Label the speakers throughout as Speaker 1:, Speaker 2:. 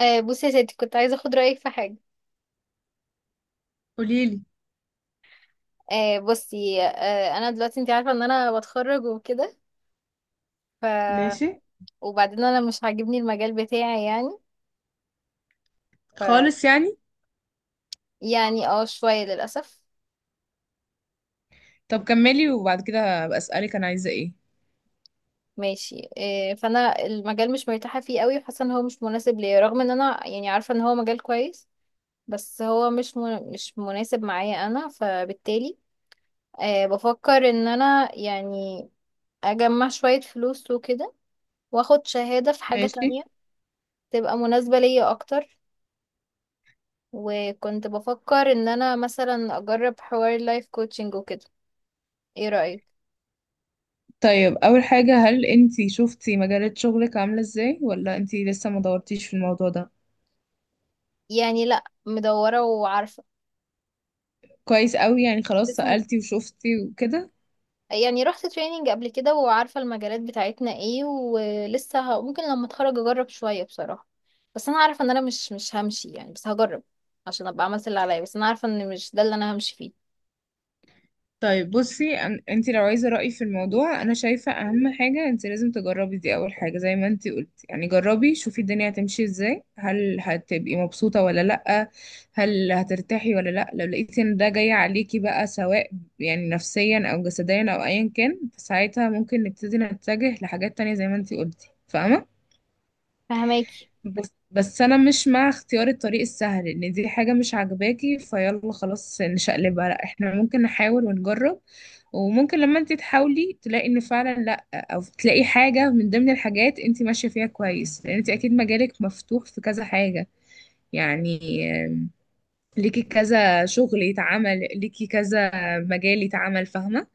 Speaker 1: بصي يا ستي، كنت عايزه اخد رايك في حاجه.
Speaker 2: قوليلي.
Speaker 1: آه، بصي آه، انا دلوقتي انت عارفه ان انا بتخرج وكده. ف
Speaker 2: ماشي،
Speaker 1: وبعدين انا مش عاجبني المجال بتاعي يعني. ف
Speaker 2: خالص يعني.
Speaker 1: يعني شويه للاسف.
Speaker 2: طب كملي وبعد كده هبقى اسالك انا عايزه ايه.
Speaker 1: ماشي. فانا المجال مش مرتاحه فيه قوي، وحاسه ان هو مش مناسب ليا، رغم ان انا يعني عارفه ان هو مجال كويس. بس هو مش مناسب معايا انا، فبالتالي بفكر ان انا يعني اجمع شويه فلوس وكده، واخد شهاده في حاجه
Speaker 2: ماشي.
Speaker 1: تانية تبقى مناسبة ليا أكتر. وكنت بفكر ان انا مثلا اجرب حوار لايف كوتشنج وكده. ايه رأيك؟
Speaker 2: طيب اول حاجه، هل انتي شفتي مجالات شغلك عامله ازاي ولا انتي لسه ما دورتيش في الموضوع ده؟
Speaker 1: يعني لا، مدورة وعارفة.
Speaker 2: كويس قوي، يعني خلاص
Speaker 1: لسه م-
Speaker 2: سالتي وشفتي وكده.
Speaker 1: يعني رحت تريننج قبل كده وعارفة المجالات بتاعتنا ايه، ولسه ممكن لما اتخرج اجرب شوية بصراحة. بس انا عارفة ان انا مش همشي يعني، بس هجرب عشان ابقى عملت اللي عليا، بس انا عارفة ان مش ده اللي انا همشي فيه.
Speaker 2: طيب بصي، انت لو عايزه رايي في الموضوع، انا شايفه اهم حاجه انت لازم تجربي، دي اول حاجه زي ما انت قلتي. يعني جربي شوفي الدنيا هتمشي ازاي، هل هتبقي مبسوطه ولا لا، هل هترتاحي ولا لا. لو لقيتي ان ده جاي عليكي بقى، سواء يعني نفسيا او جسديا او ايا كان، فساعتها ممكن نبتدي نتجه لحاجات تانية زي ما انت قلتي، فاهمه.
Speaker 1: فهماكي.
Speaker 2: بس انا مش مع اختيار الطريق السهل ان دي حاجة مش عاجباكي فيلا خلاص نشقلبها، لا احنا ممكن نحاول ونجرب. وممكن لما انت تحاولي تلاقي ان فعلا لا، او تلاقي حاجة من ضمن الحاجات انت ماشية فيها كويس، لان انت اكيد مجالك مفتوح في كذا حاجة. يعني، آه، ليكي كذا شغل يتعمل، ليكي كذا مجال يتعمل، فاهمة.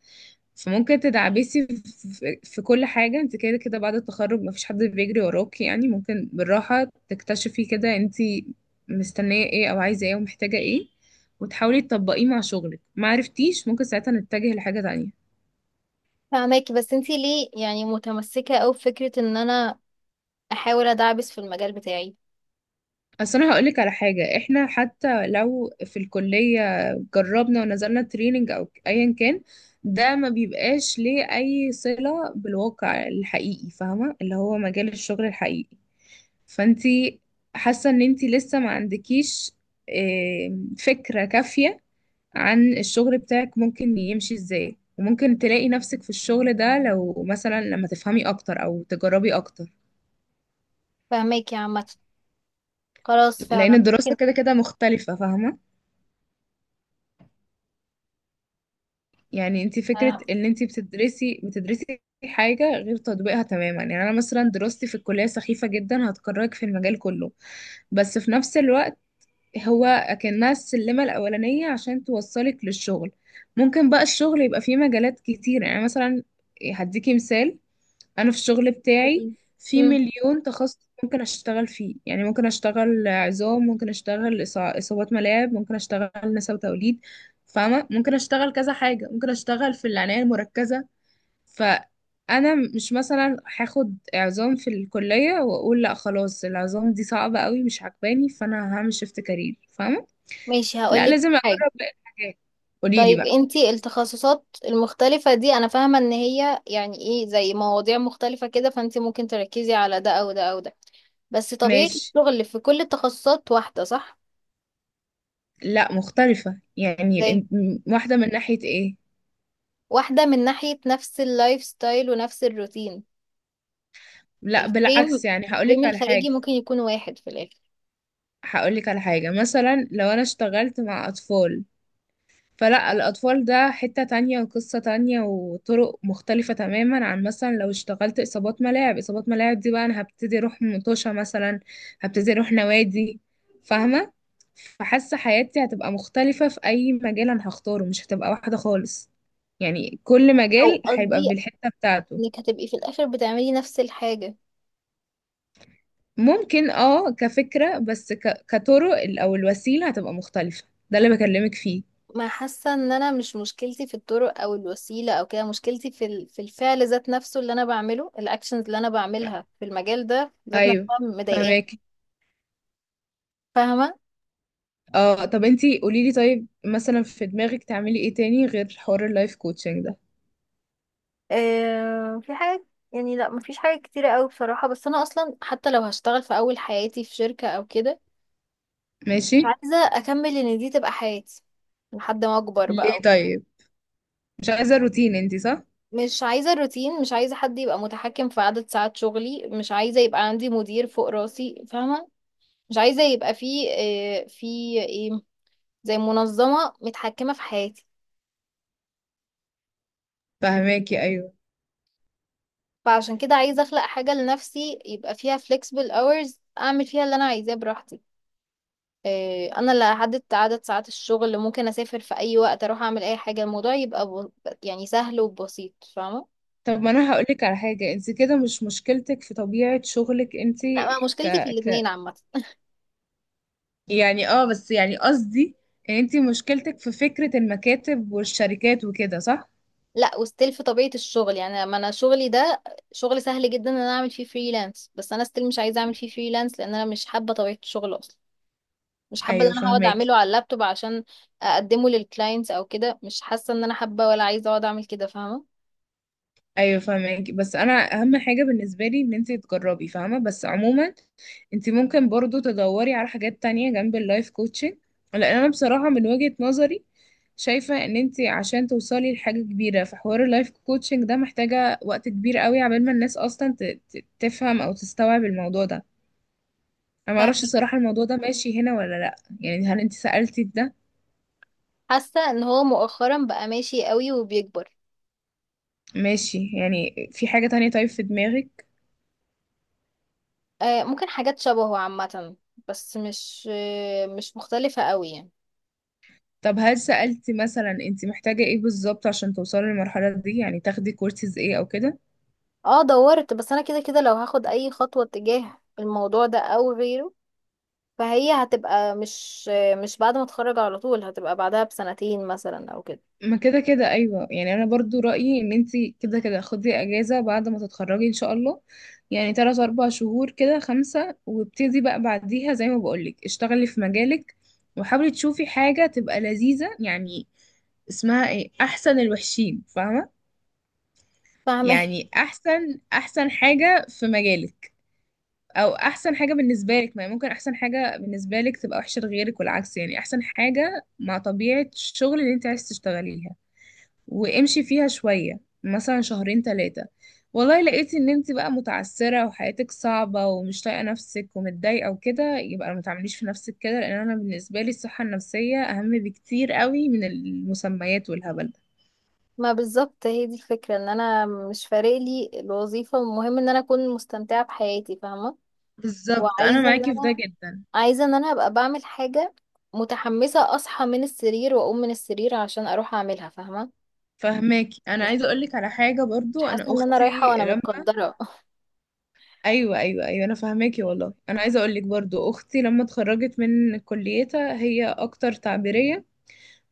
Speaker 2: فممكن تدعبسي في كل حاجة، انت كده كده بعد التخرج مفيش حد بيجري وراكي، يعني ممكن بالراحة تكتشفي كده انت مستنية ايه او عايزة ايه ومحتاجة ايه، وتحاولي تطبقيه مع شغلك. ما عرفتيش، ممكن ساعتها نتجه لحاجة تانية.
Speaker 1: فهماكي، بس انتي ليه يعني متمسكة اوي بفكرة ان انا احاول ادعبس في المجال بتاعي؟
Speaker 2: اصل انا هقولك على حاجة، احنا حتى لو في الكلية جربنا ونزلنا تريننج او ايا كان، ده ما بيبقاش ليه اي صلة بالواقع الحقيقي، فاهمة، اللي هو مجال الشغل الحقيقي. فانتي حاسة ان انتي لسه ما عندكيش فكرة كافية عن الشغل بتاعك ممكن يمشي ازاي، وممكن تلاقي نفسك في الشغل ده لو مثلا لما تفهمي اكتر او تجربي اكتر.
Speaker 1: فهماكي عامة، خلاص،
Speaker 2: لان
Speaker 1: فعلا
Speaker 2: الدراسة
Speaker 1: ممكن.
Speaker 2: كده كده مختلفة، فاهمة. يعني انتي فكرة ان انتي بتدرسي حاجة غير تطبيقها تماما. يعني انا مثلا دراستي في الكلية سخيفة جدا هتكرهك في المجال كله، بس في نفس الوقت هو أكنها السلمة الأولانية عشان توصلك للشغل. ممكن بقى الشغل يبقى فيه مجالات كتير، يعني مثلا هديكي مثال. أنا في الشغل بتاعي في
Speaker 1: مم.
Speaker 2: مليون تخصص ممكن أشتغل فيه، يعني ممكن أشتغل عظام، ممكن أشتغل إصابات ملاعب، ممكن أشتغل نساء وتوليد، فاهمة. ممكن أشتغل كذا حاجة، ممكن أشتغل في العناية المركزة. فأنا مش مثلا هاخد عظام في الكلية وأقول لأ خلاص العظام دي صعبة قوي مش عجباني فأنا هعمل شيفت كارير، فاهمة.
Speaker 1: ماشي،
Speaker 2: لا
Speaker 1: هقولك
Speaker 2: لازم اجرب
Speaker 1: حاجة.
Speaker 2: باقي الحاجات. قولي لي
Speaker 1: طيب
Speaker 2: بقى.
Speaker 1: انتي التخصصات المختلفة دي، انا فاهمة ان هي يعني ايه، زي مواضيع مختلفة كده، فانتي ممكن تركزي على ده او ده او ده. بس طبيعة
Speaker 2: ماشي.
Speaker 1: الشغل في كل التخصصات واحدة، صح؟
Speaker 2: لا مختلفة، يعني
Speaker 1: زي
Speaker 2: واحدة من ناحية ايه.
Speaker 1: واحدة من ناحية نفس اللايف ستايل ونفس الروتين.
Speaker 2: لا
Speaker 1: الفريم
Speaker 2: بالعكس، يعني هقولك
Speaker 1: الفريم
Speaker 2: على
Speaker 1: الخارجي
Speaker 2: حاجة.
Speaker 1: ممكن يكون واحد في الاخر.
Speaker 2: هقولك على حاجة، مثلا لو انا اشتغلت مع اطفال فلا، الأطفال ده حتة تانية وقصة تانية وطرق مختلفة تماما عن مثلا لو اشتغلت إصابات ملاعب. إصابات ملاعب دي بقى أنا هبتدي أروح مطوشة مثلا، هبتدي أروح نوادي، فاهمة. فحاسة حياتي هتبقى مختلفة في أي مجال أنا هختاره، مش هتبقى واحدة خالص. يعني كل
Speaker 1: او
Speaker 2: مجال هيبقى
Speaker 1: قصدي
Speaker 2: بالحتة بتاعته.
Speaker 1: انك هتبقي في الاخر بتعملي نفس الحاجة.
Speaker 2: ممكن اه كفكرة، بس كطرق أو الوسيلة هتبقى مختلفة. ده اللي بكلمك فيه.
Speaker 1: ما حاسه ان انا مش، مشكلتي في الطرق او الوسيله او كده، مشكلتي في الفعل ذات نفسه اللي انا بعمله، الاكشنز اللي انا بعملها في المجال ده ذات
Speaker 2: أيوه.
Speaker 1: نفسها مضايقاني.
Speaker 2: فهماك.
Speaker 1: فاهمه؟
Speaker 2: اه طب انتي قوليلي، طيب مثلا في دماغك تعملي ايه تاني غير حوار اللايف كوتشنج ده؟
Speaker 1: في حاجه يعني، لا مفيش حاجه كتيره قوي بصراحه. بس انا اصلا حتى لو هشتغل في اول حياتي في شركه او كده،
Speaker 2: ماشي.
Speaker 1: مش عايزه اكمل ان دي تبقى حياتي لحد ما اكبر
Speaker 2: ليه
Speaker 1: بقى.
Speaker 2: طيب؟ مش عايزة روتين انتي، صح؟
Speaker 1: مش عايزه الروتين، مش عايزه حد يبقى متحكم في عدد ساعات شغلي، مش عايزه يبقى عندي مدير فوق راسي، فاهمه؟ مش عايزة يبقى في في ايه، زي منظمة متحكمة في حياتي.
Speaker 2: فهماكي، ايوه.
Speaker 1: فعشان كده عايزة اخلق حاجة لنفسي يبقى فيها flexible hours، اعمل فيها اللي انا عايزاه براحتي. انا اللي هحدد عدد ساعات الشغل، اللي ممكن اسافر في اي وقت، اروح اعمل اي حاجة، الموضوع يبقى يعني سهل وبسيط، فاهمة؟
Speaker 2: طب ما انا هقولك على حاجة، انتي كده مش مشكلتك في طبيعة شغلك انتي.
Speaker 1: لا، ما
Speaker 2: ك...
Speaker 1: مشكلتي في
Speaker 2: ك...
Speaker 1: الاتنين عامة.
Speaker 2: يعني اه بس يعني قصدي ان انتي مشكلتك في فكرة المكاتب والشركات وكده، صح؟
Speaker 1: لا وستيل في طبيعة الشغل، يعني ما انا شغلي ده شغل سهل جدا ان انا اعمل فيه فريلانس، بس انا ستيل مش عايزة اعمل فيه فريلانس لان انا مش حابة طبيعة الشغل اصلا. مش حابة ان
Speaker 2: ايوه
Speaker 1: انا هقعد
Speaker 2: فهماكي.
Speaker 1: اعمله على اللابتوب عشان اقدمه للكلاينتس او كده. مش حاسة ان انا حابة ولا عايزة اقعد اعمل كده، فاهمة؟
Speaker 2: ايوه فاهمك. بس انا اهم حاجه بالنسبه لي ان انت تجربي، فاهمه. بس عموما انت ممكن برضو تدوري على حاجات تانية جنب اللايف كوتشنج، لان انا بصراحه من وجهه نظري شايفه ان انت عشان توصلي لحاجه كبيره في حوار اللايف كوتشنج ده محتاجه وقت كبير قوي، عبال ما الناس اصلا تفهم او تستوعب الموضوع ده. انا ما اعرفش
Speaker 1: فاهمة،
Speaker 2: الصراحه الموضوع ده ماشي هنا ولا لا، يعني هل انت سالتي في ده؟
Speaker 1: حاسة ان هو مؤخرا بقى ماشي قوي وبيكبر.
Speaker 2: ماشي. يعني في حاجه تانية طيب في دماغك؟
Speaker 1: ممكن حاجات شبهه عامة، بس مش مختلفة قوي يعني.
Speaker 2: طب هل سألتي مثلا انت محتاجة ايه بالظبط عشان توصلي للمرحلة دي، يعني تاخدي كورسز ايه او كده؟
Speaker 1: اه دورت، بس انا كده كده لو هاخد اي خطوة تجاه الموضوع ده او غيره، فهي هتبقى مش بعد ما اتخرج على طول، هتبقى بعدها بسنتين مثلا او كده.
Speaker 2: ما كده كده ايوه. يعني انا برضو رأيي ان انت كده كده خدي اجازة بعد ما تتخرجي ان شاء الله، يعني تلات اربع شهور كده، خمسة، وابتدي بقى بعديها زي ما بقولك اشتغلي في مجالك، وحاولي تشوفي حاجة تبقى لذيذة. يعني اسمها ايه، احسن الوحشين، فاهمة.
Speaker 1: فاهمة؟
Speaker 2: يعني احسن احسن حاجة في مجالك، او احسن حاجه بالنسبه لك. ما هي ممكن احسن حاجه بالنسبه لك تبقى وحشه لغيرك والعكس. يعني احسن حاجه مع طبيعه الشغل اللي انت عايز تشتغليها، وامشي فيها شويه، مثلا شهرين ثلاثه. والله لقيتي ان انت بقى متعسره وحياتك صعبه ومش طايقه نفسك ومتضايقه وكده، يبقى ما تعمليش في نفسك كده، لان انا بالنسبه لي الصحه النفسيه اهم بكتير قوي من المسميات والهبل ده.
Speaker 1: ما بالظبط هي دي الفكرة، ان انا مش فارق لي الوظيفة، المهم ان انا اكون مستمتعة بحياتي، فاهمة؟
Speaker 2: بالظبط، انا
Speaker 1: وعايزة ان
Speaker 2: معاكي في ده
Speaker 1: انا
Speaker 2: جدا.
Speaker 1: عايزة ان انا ابقى بعمل حاجة متحمسة، اصحى من السرير واقوم من السرير عشان اروح اعملها، فاهمة؟
Speaker 2: فهماكي. انا
Speaker 1: مش
Speaker 2: عايزه اقولك على
Speaker 1: حاسة
Speaker 2: حاجه
Speaker 1: مش
Speaker 2: برضو،
Speaker 1: حاسة
Speaker 2: انا
Speaker 1: ان انا رايحة
Speaker 2: اختي.
Speaker 1: وانا متقدرة.
Speaker 2: ايوه ايوه ايوه، انا فاهماكي والله. انا عايزه اقول لك برضو، اختي لما اتخرجت من كليتها هي اكتر تعبيريه،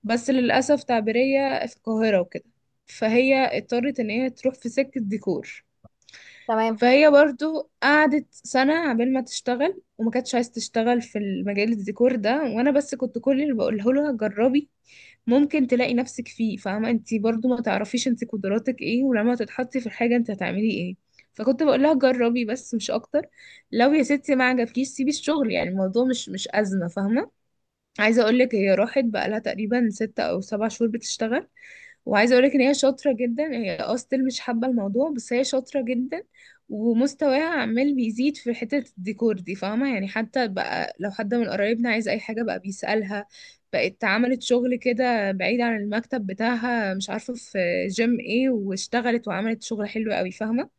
Speaker 2: بس للاسف تعبيريه في القاهره وكده، فهي اضطرت ان هي تروح في سكه ديكور.
Speaker 1: تمام.
Speaker 2: فهي برضو قعدت سنه عبال ما تشتغل، وما كانتش عايزه تشتغل في المجال الديكور ده، وانا بس كنت كل اللي بقوله لها جربي، ممكن تلاقي نفسك فيه، فاهمة. انت برضو ما تعرفيش انت قدراتك ايه، ولما تتحطي في الحاجة انت هتعملي ايه. فكنت بقول لها جربي بس مش اكتر. لو يا ستي ما عجبكيش سيبي الشغل، يعني الموضوع مش أزمة، فاهمة. عايزة اقول لك هي راحت بقى لها تقريبا ستة او سبع شهور بتشتغل، وعايزه اقولك ان هي شاطره جدا. هي اه still مش حابه الموضوع، بس هي شاطره جدا ومستواها عمال بيزيد في حته الديكور دي، فاهمه. يعني حتى بقى لو حد من قرايبنا عايز اي حاجه بقى بيسالها. بقت عملت شغل كده بعيد عن المكتب بتاعها، مش عارفه في جيم ايه، واشتغلت وعملت شغل حلو قوي، فاهمه.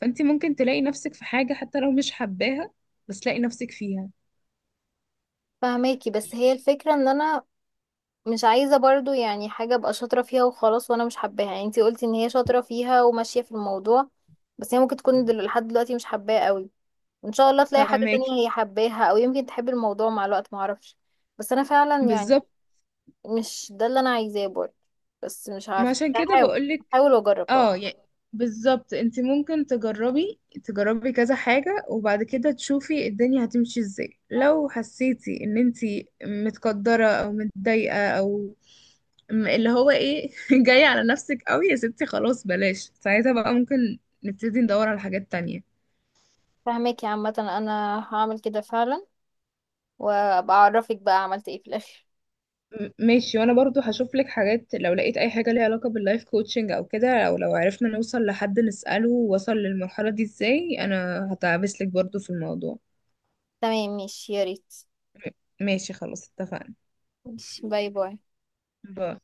Speaker 2: فانت ممكن تلاقي نفسك في حاجه حتى لو مش حباها، بس تلاقي نفسك فيها.
Speaker 1: فهماكي، بس هي الفكرة ان انا مش عايزة برضو يعني حاجة ابقى شاطرة فيها وخلاص وانا مش حباها. يعني انتي قلتي ان هي شاطرة فيها وماشية في الموضوع، بس هي ممكن تكون لحد دلوقتي مش حباها قوي. ان شاء الله تلاقي حاجة
Speaker 2: فاهماكي.
Speaker 1: تانية هي حباها، او يمكن تحب الموضوع مع الوقت، معرفش. بس انا فعلا يعني
Speaker 2: بالظبط.
Speaker 1: مش ده اللي انا عايزاه برضه. بس مش
Speaker 2: ما
Speaker 1: عارفة،
Speaker 2: عشان كده بقولك.
Speaker 1: هحاول واجرب طبعا.
Speaker 2: اه يعني بالظبط، انت ممكن تجربي، تجربي كذا حاجة، وبعد كده تشوفي الدنيا هتمشي ازاي. لو حسيتي ان انت متقدرة او متضايقة او اللي هو ايه جاية على نفسك قوي يا ستي، خلاص بلاش. ساعتها بقى ممكن نبتدي ندور على حاجات تانية.
Speaker 1: فهماكي عامة، انا هعمل كده فعلا، وابقى اعرفك بقى عملت ايه في الاخر.
Speaker 2: ماشي، وانا برضو هشوف لك حاجات. لو لقيت اي حاجة ليها علاقة باللايف كوتشنج او كده، او لو عرفنا نوصل لحد نسأله وصل للمرحلة دي ازاي، انا هتعبس لك برضو في الموضوع.
Speaker 1: تمام ماشي، يا ريت.
Speaker 2: ماشي خلاص اتفقنا.
Speaker 1: باي باي.
Speaker 2: ب...